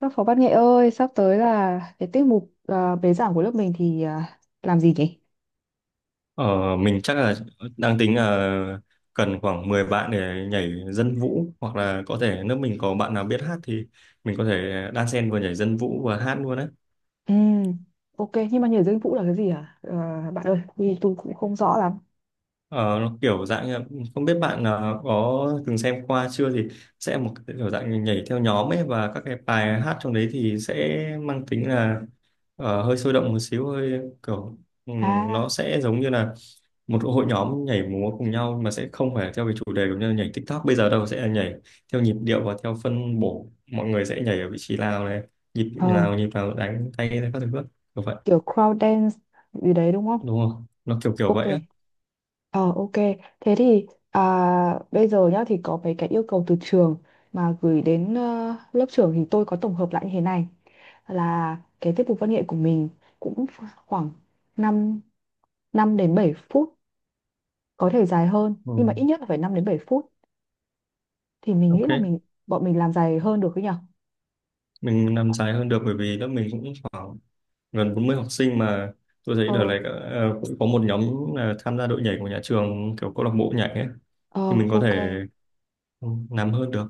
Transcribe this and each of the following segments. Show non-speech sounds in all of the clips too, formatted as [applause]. Các phó văn nghệ ơi, sắp tới là cái tiết mục bế giảng của lớp mình thì làm gì nhỉ? Ờ, mình chắc là đang tính là cần khoảng 10 bạn để nhảy dân vũ, hoặc là có thể nếu mình có bạn nào biết hát thì mình có thể đan xen vừa nhảy dân vũ vừa hát luôn đấy. Ừ, ok, nhưng mà nhảy dây vũ là cái gì hả? Ờ, Bạn ơi, vì tôi cũng không rõ lắm. Ờ, nó kiểu dạng như là- không biết bạn có từng xem qua chưa, thì sẽ một cái kiểu dạng nhảy theo nhóm ấy, và các cái bài hát trong đấy thì sẽ mang tính là hơi sôi động một xíu, hơi kiểu nó À, sẽ giống như là một hội nhóm nhảy múa cùng nhau mà sẽ không phải theo cái chủ đề giống như nhảy TikTok bây giờ đâu, sẽ là nhảy theo nhịp điệu và theo phân bổ, mọi người sẽ nhảy ở vị trí nào này, nhịp ờ, nào, nhịp nào đánh tay ra các thứ bước kiểu vậy, Kiểu crowd dance gì đấy đúng không? đúng không, nó kiểu kiểu Ok. vậy á. Ờ, ok. Thế thì bây giờ nhá, thì có mấy cái yêu cầu từ trường mà gửi đến lớp trưởng, thì tôi có tổng hợp lại như thế này là cái tiết mục văn nghệ của mình cũng khoảng năm năm đến 7 phút, có thể dài hơn Ừ. nhưng mà ít nhất là phải 5 đến 7 phút. Thì mình nghĩ Ok, là bọn mình làm dài hơn được cái nhở. mình làm dài hơn được bởi vì lớp mình cũng khoảng gần 40 học sinh mà. Tôi thấy đợt ờ này cũng có một nhóm là tham gia đội nhảy của nhà trường, kiểu câu lạc bộ nhảy ấy, ờ thì mình có thể, ok. ừ, làm hơn được.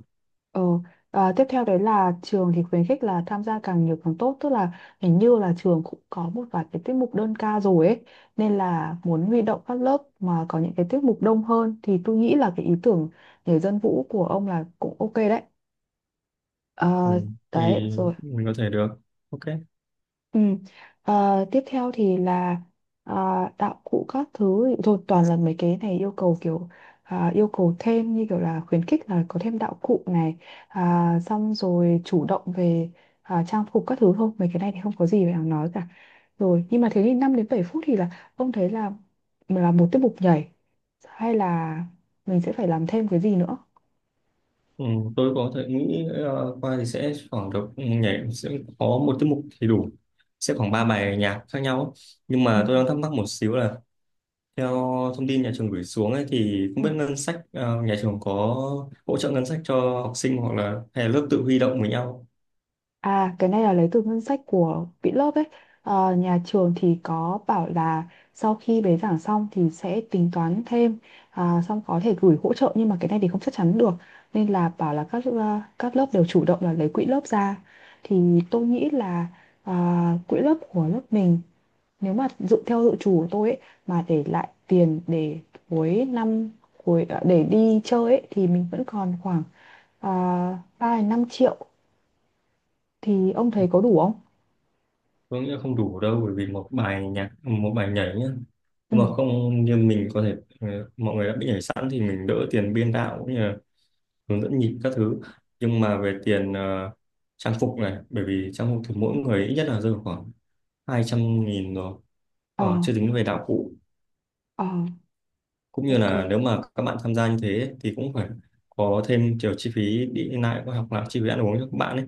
ờ Tiếp theo đấy là trường thì khuyến khích là tham gia càng nhiều càng tốt, tức là hình như là trường cũng có một vài cái tiết mục đơn ca rồi ấy, nên là muốn huy động các lớp mà có những cái tiết mục đông hơn. Thì tôi nghĩ là cái ý tưởng nhảy dân vũ của ông là cũng ok đấy. Ừ. Ờ, Thì Đấy rồi. mình có thể được. Ok. Ừ. Ờ, Tiếp theo thì là ờ, đạo cụ các thứ thì thôi, toàn là mấy cái này yêu cầu kiểu yêu cầu thêm như kiểu là khuyến khích là có thêm đạo cụ này, xong rồi chủ động về trang phục các thứ. Thôi mấy cái này thì không có gì phải đáng nói cả. Rồi nhưng mà thế thì 5 đến 7 phút thì là ông thấy là một tiết mục nhảy hay là mình sẽ phải làm thêm cái gì nữa? Ừ, tôi có thể nghĩ qua thì sẽ khoảng được, nhảy sẽ có một tiết mục thì đủ, sẽ khoảng ba bài nhạc khác nhau ấy. Nhưng Ừ. mà tôi đang thắc mắc một xíu là theo thông tin nhà trường gửi xuống ấy, thì không Ừ. biết ngân sách nhà trường có hỗ trợ ngân sách cho học sinh, hoặc là hay là lớp tự huy động với nhau. À, cái này là lấy từ ngân sách của quỹ lớp ấy. Ờ, nhà trường thì có bảo là sau khi bế giảng xong thì sẽ tính toán thêm, xong có thể gửi hỗ trợ, nhưng mà cái này thì không chắc chắn được. Nên là bảo là các các lớp đều chủ động là lấy quỹ lớp ra. Thì tôi nghĩ là quỹ lớp của lớp mình, nếu mà dự theo dự trù của tôi ấy, mà để lại tiền để cuối năm, để đi chơi ấy, thì mình vẫn còn khoảng 3 đến 5 triệu. Thì ông thấy có đủ không? Tôi nghĩ là không đủ đâu, bởi vì một bài nhạc một bài nhảy nhá, Ừ. nhưng mà không, như mình có thể mọi người đã bị nhảy sẵn thì mình đỡ tiền biên đạo hướng dẫn nhịp các thứ. Nhưng mà về tiền trang phục này, bởi vì trang phục thì mỗi người ít nhất là rơi vào khoảng 200.000 rồi, ờ, chưa tính về đạo cụ, ờ, cũng như ok. là nếu mà các bạn tham gia như thế thì cũng phải có thêm kiểu chi phí đi lại, có học lại chi phí ăn uống cho các bạn ấy.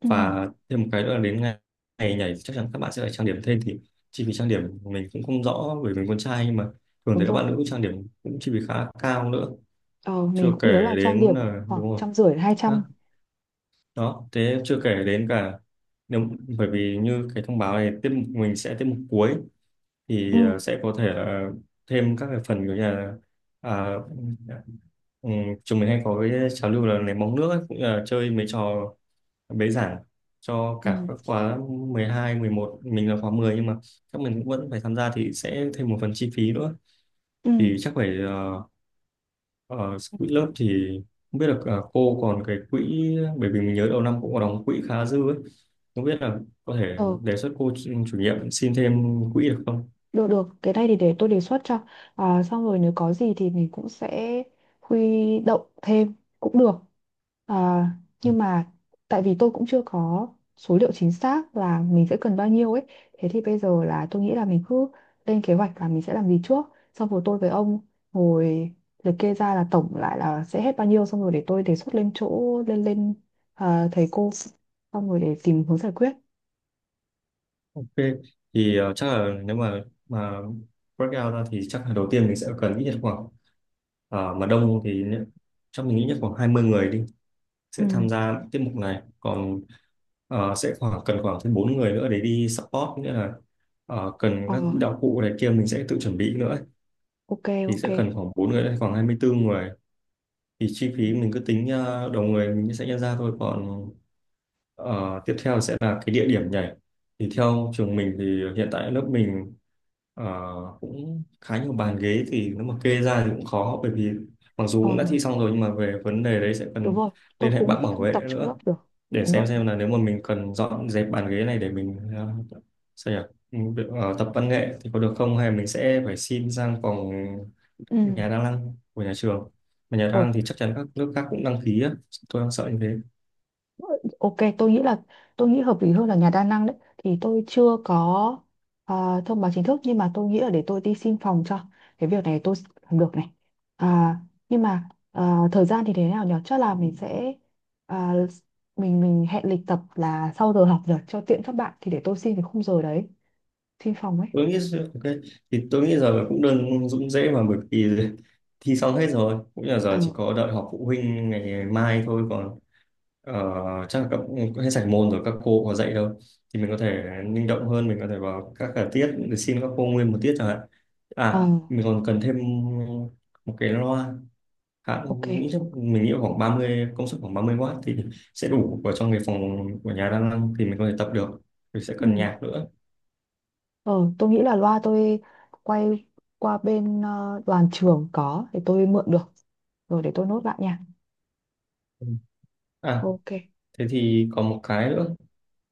Ừ, Và thêm một cái nữa là đến ngày nhảy chắc chắn các bạn sẽ phải trang điểm thêm, thì chi phí trang điểm mình cũng không rõ bởi vì mình con trai, nhưng mà thường đúng thấy các rồi. bạn nữ trang điểm cũng chi phí khá cao nữa. Ờ, Chưa mình kể cũng nhớ là trang đến điểm khoảng đúng rồi, trăm rưỡi hai trăm. đó, thế chưa kể đến cả nếu, bởi vì như cái thông báo này, tiếp mục mình sẽ tiếp mục cuối Ừ, thì sẽ có thể là thêm các cái phần kiểu như là à, ừ, chúng mình hay có cái trào lưu là ném bóng nước ấy, cũng là chơi mấy trò bế giảng cho cả ừ, các khóa 12, 11, mình là khóa 10, nhưng mà các mình cũng vẫn phải tham gia thì sẽ thêm một phần chi phí nữa. ừ. Thì chắc phải Ờ, quỹ lớp thì không biết là cô còn cái quỹ, bởi vì mình nhớ đầu năm cũng có đóng quỹ khá dư ấy. Không biết là có thể Ờ, đề xuất cô chủ chủ nhiệm xin thêm quỹ được không? Được được, cái này thì để tôi đề xuất cho. À, xong rồi nếu có gì thì mình cũng sẽ huy động thêm cũng được. À, nhưng mà tại vì tôi cũng chưa có số liệu chính xác là mình sẽ cần bao nhiêu ấy. Thế thì bây giờ là tôi nghĩ là mình cứ lên kế hoạch là mình sẽ làm gì trước. Xong rồi tôi với ông ngồi liệt kê ra là tổng lại là sẽ hết bao nhiêu. Xong rồi để tôi đề xuất lên chỗ lên lên à, thầy cô. Xong rồi để tìm hướng giải quyết. Ok, thì chắc là nếu mà breakout ra, thì chắc là đầu tiên mình sẽ cần ít nhất khoảng ờ, mà đông thì nhé- chắc mình nghĩ nhất khoảng 20 người đi Ừ. sẽ tham gia tiết mục này, còn sẽ khoảng cần khoảng thêm bốn người nữa để đi support, nghĩa là cần Ờ, các đạo cụ này kia mình sẽ tự chuẩn bị nữa. ok, Thì ok. sẽ cần khoảng 4 người hay khoảng 24 người, thì chi Ừ. phí mình cứ tính đầu người mình sẽ nhân ra thôi. Còn tiếp theo sẽ là cái địa điểm nhảy, thì theo trường mình thì hiện tại lớp mình ờ, cũng khá nhiều bàn ghế, thì nếu mà kê ra thì cũng khó, bởi vì mặc Ờ, dù cũng đã thi xong rồi, nhưng mà về vấn đề đấy sẽ đúng cần rồi, tôi liên hệ cũng bạn nghĩ bảo không vệ tập trong lớp nữa, được. để Đúng rồi, đúng. xem là nếu mà mình cần dọn dẹp bàn ghế này để mình sao nhỉ. Ừ, được, tập văn nghệ thì có được không, hay mình sẽ phải xin sang phòng Ừ. nhà đang đăng của nhà trường, mà nhà đang Ờ, đăng thì chắc chắn các nước khác cũng đăng ký á, tôi đang sợ như thế. ok, tôi nghĩ là tôi nghĩ hợp lý hơn là nhà đa năng đấy. Thì tôi chưa có thông báo chính thức, nhưng mà tôi nghĩ là để tôi đi xin phòng cho. Cái việc này tôi làm được này. à, nhưng mà thời gian thì thế nào nhỉ? Chắc là mình sẽ à, mình hẹn lịch tập là sau giờ học rồi cho tiện các bạn. Thì để tôi xin cái khung giờ đấy, xin phòng ấy. Tôi nghĩ ok, thì tôi nghĩ giờ cũng đơn, cũng dễ mà, bởi vì [laughs] thi xong hết rồi, cũng như là ờ giờ chỉ có đợi họp phụ huynh ngày mai thôi, còn ờ, chắc là các cũng hết sạch môn rồi, các cô có dạy đâu, thì mình có thể linh động hơn, mình có thể vào các cả tiết để xin các cô nguyên một tiết chẳng hạn. ờ À mình còn cần thêm một cái loa, khá, ok. mình nghĩ, chắc mình nghĩ khoảng 30 công suất, khoảng 30W thì sẽ đủ vào trong cái phòng của nhà đang năng thì mình có thể tập được. Mình sẽ Ừ. cần nhạc nữa. Ờ, tôi nghĩ là loa tôi quay qua bên đoàn trường có, thì tôi mượn được. Rồi để tôi nốt lại nha. Ừ. À, Ok. thế thì còn một cái nữa,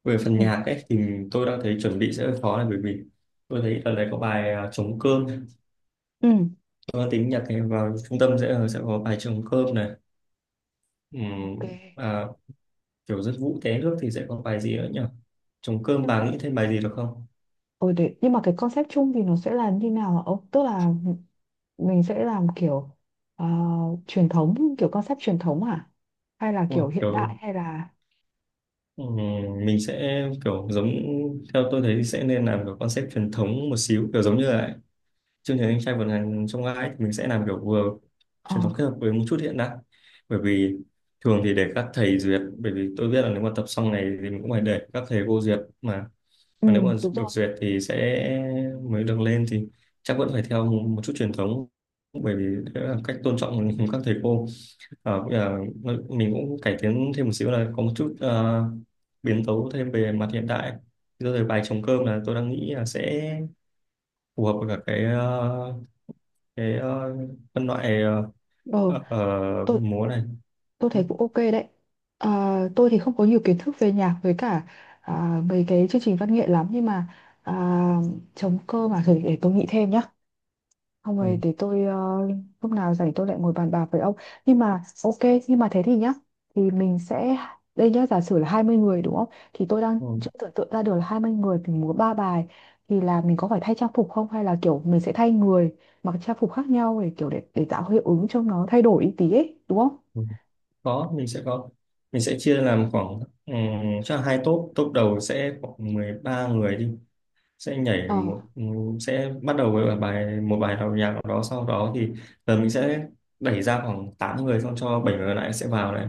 về phần Ừ. nhạc ấy thì tôi đang thấy chuẩn bị sẽ hơi khó, là bởi vì tôi thấy ở đấy có bài à, trống cơm. Ừ. Tôi đang tính nhạc này vào trung tâm sẽ sẽ có bài trống cơm này. Ừm. Ok. À, kiểu rất vũ té nước thì sẽ có bài gì nữa nhỉ, trống cơm, Nhưng- bà nghĩ thêm bài gì được không? Ừ, để, nhưng mà cái concept chung thì nó sẽ là như nào hả ông? Tức là mình sẽ làm kiểu ờ, truyền thống, kiểu concept truyền thống hả? Hay là kiểu Wow, hiện đại kiểu, hay là ừ, mình sẽ kiểu giống, theo tôi thấy thì sẽ nên làm kiểu concept truyền thống một xíu, kiểu giống như là chương trình anh trai vượt ngàn chông gai ấy, thì mình sẽ làm kiểu vừa ờ truyền thống kết hợp với một chút hiện đại. Bởi vì thường thì để các thầy duyệt, bởi vì tôi biết là nếu mà tập xong này thì mình cũng phải để các thầy cô duyệt mà ừ, mà nếu mà đúng được rồi. duyệt thì sẽ mới được lên, thì chắc vẫn phải theo một chút truyền thống, bởi vì đấy là cách tôn trọng các thầy cô. Bây giờ mình cũng cải tiến thêm một xíu là có một chút biến tấu thêm về mặt hiện đại. Rồi thì bài trống cơm là tôi đang nghĩ là sẽ phù hợp với cả cái phân loại Ờ. Tôi. múa này. Tôi Ừ, thấy cũng ok đấy. Ờ, tôi thì không có nhiều kiến thức về nhạc với cả mấy cái chương trình văn nghệ lắm, nhưng mà à, chống cơ mà thử, để tôi nghĩ thêm nhá. Không ừ, rồi để tôi lúc nào rảnh tôi lại ngồi bàn bạc với ông. Nhưng mà ok, nhưng mà thế thì nhá, thì mình sẽ đây nhá, giả sử là 20 người đúng không, thì tôi đang ừ, chưa tưởng tượng ra được là 20 người thì múa 3 bài, thì là mình có phải thay trang phục không, hay là kiểu mình sẽ thay người mặc trang phục khác nhau để kiểu để tạo hiệu ứng cho nó thay đổi ý tí ấy đúng không? ừ. Có. Mình sẽ chia làm khoảng cho hai top. Top đầu sẽ khoảng 13 người đi, sẽ nhảy Ờ, một sẽ bắt đầu với bài một, bài đầu nhạc nào đó, sau đó thì giờ mình sẽ đẩy ra khoảng 8 người, xong cho 7 người còn lại sẽ vào này,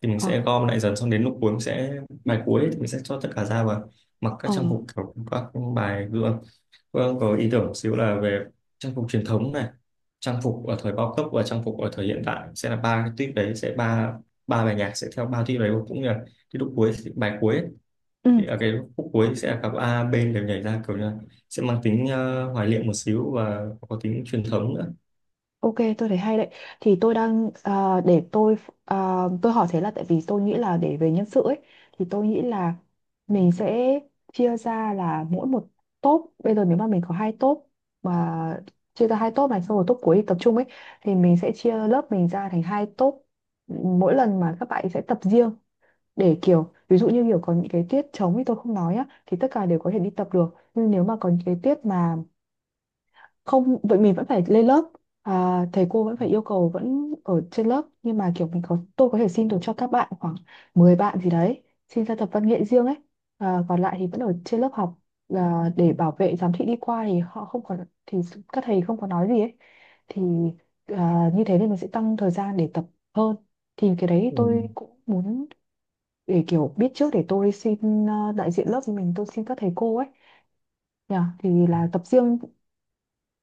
thì mình ờ. sẽ gom lại dần, xong đến lúc cuối mình sẽ, bài cuối thì mình sẽ cho tất cả ra và mặc các Ờ, trang phục kiểu các bài gương. Vâng, có ý tưởng một xíu là về trang phục truyền thống này, trang phục ở thời bao cấp và trang phục ở thời hiện đại sẽ là ba cái tuýp đấy, sẽ ba ba bài nhạc sẽ theo ba tuýp đấy, cũng như là cái lúc cuối bài cuối, ừ, thì ở cái khúc cuối sẽ là cặp A, B đều nhảy ra, kiểu như là sẽ mang tính hoài niệm một xíu và có tính truyền thống nữa. ok, tôi thấy hay đấy. Thì tôi đang để tôi à, tôi hỏi thế là tại vì tôi nghĩ là để về nhân sự ấy, thì tôi nghĩ là mình sẽ chia ra là mỗi một top. Bây giờ nếu mà mình có 2 top mà chia ra 2 top này, xong rồi top cuối thì tập trung ấy, thì mình sẽ chia lớp mình ra thành 2 top. Mỗi lần mà các bạn sẽ tập riêng, để kiểu ví dụ như kiểu có những cái tiết trống thì tôi không nói á, thì tất cả đều có thể đi tập được. Nhưng nếu mà có những cái tiết mà không vậy mình vẫn phải lên lớp, thầy cô vẫn phải yêu cầu vẫn ở trên lớp, nhưng mà kiểu mình có tôi có thể xin được cho các bạn khoảng 10 bạn gì đấy xin ra tập văn nghệ riêng ấy, còn lại thì vẫn ở trên lớp học. Để bảo vệ giám thị đi qua thì họ không có, thì các thầy không có nói gì ấy. Thì như thế nên mình sẽ tăng thời gian để tập hơn. Thì cái đấy Ừ. tôi cũng muốn để kiểu biết trước để tôi xin đại diện lớp của mình tôi xin các thầy cô ấy. Nhờ, thì là tập riêng,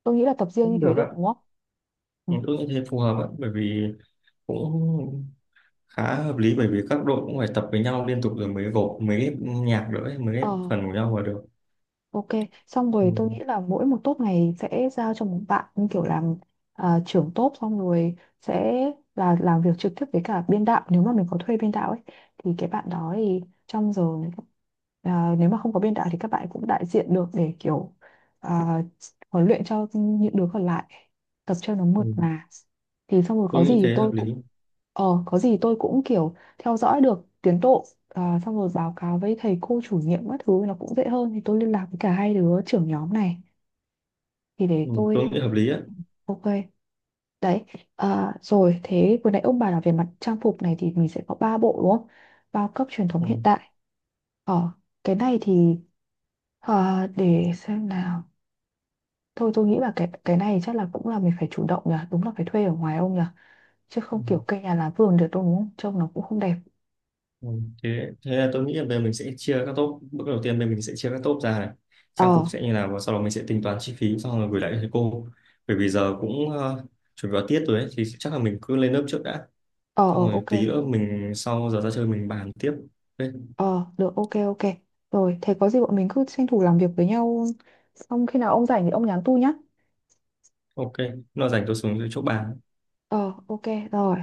tôi nghĩ là tập riêng như Cũng thế được được á. đúng không? Ừ. Ừ, tôi nghĩ thế phù hợp á, bởi vì cũng khá hợp lý, bởi vì các đội cũng phải tập với nhau liên tục rồi mới gộp, mới ghép nhạc nữa ấy, mới Ờ, ghép phần của nhau vào được. ok. Xong Ừ. rồi tôi nghĩ là mỗi một top này sẽ giao cho một bạn như kiểu làm trưởng top, xong rồi sẽ là làm việc trực tiếp với cả biên đạo, nếu mà mình có thuê biên đạo ấy, thì cái bạn đó thì trong giờ nếu mà không có biên đạo thì các bạn cũng đại diện được để kiểu à, huấn luyện cho những đứa còn lại, tập cho nó Ừ. mượt mà. Thì xong rồi Tôi có nghĩ gì thế hợp tôi cũng lý. Có gì tôi cũng kiểu theo dõi được tiến độ, xong rồi báo cáo với thầy cô chủ nhiệm các thứ nó cũng dễ hơn. Thì tôi liên lạc với cả 2 đứa trưởng nhóm này, thì để Ừ. tôi Tôi nghĩ hợp lý á. ok đấy. Rồi thế vừa nãy ông bà là về mặt trang phục này thì mình sẽ có 3 bộ đúng không, bao cấp truyền thống hiện đại. ờ cái này thì để xem nào, thôi tôi nghĩ là cái này chắc là cũng là mình phải chủ động nhỉ, đúng là phải thuê ở ngoài ông nhỉ, chứ Ừ. không kiểu cây nhà lá vườn được đâu đúng không, trông nó cũng không đẹp. Ừ, Thế là tôi nghĩ là về mình sẽ chia các top bước đầu tiên, về mình sẽ chia các top ra này, ờ trang phục sẽ như nào, và sau đó mình sẽ tính toán chi phí xong rồi gửi lại cho thầy cô. Bởi vì giờ cũng chuẩn bị vào tiết rồi ấy, thì chắc là mình cứ lên lớp trước đã, xong ờ rồi ok. tí nữa mình sau giờ ra chơi mình bàn tiếp. Ok. Ờ, được, ok, ok. Rồi, thế có gì bọn mình cứ tranh thủ làm việc với nhau. Xong khi nào ông rảnh thì ông nhắn tu nhá. Ok. Nó rảnh tôi xuống chỗ bàn. Ờ, ok, rồi.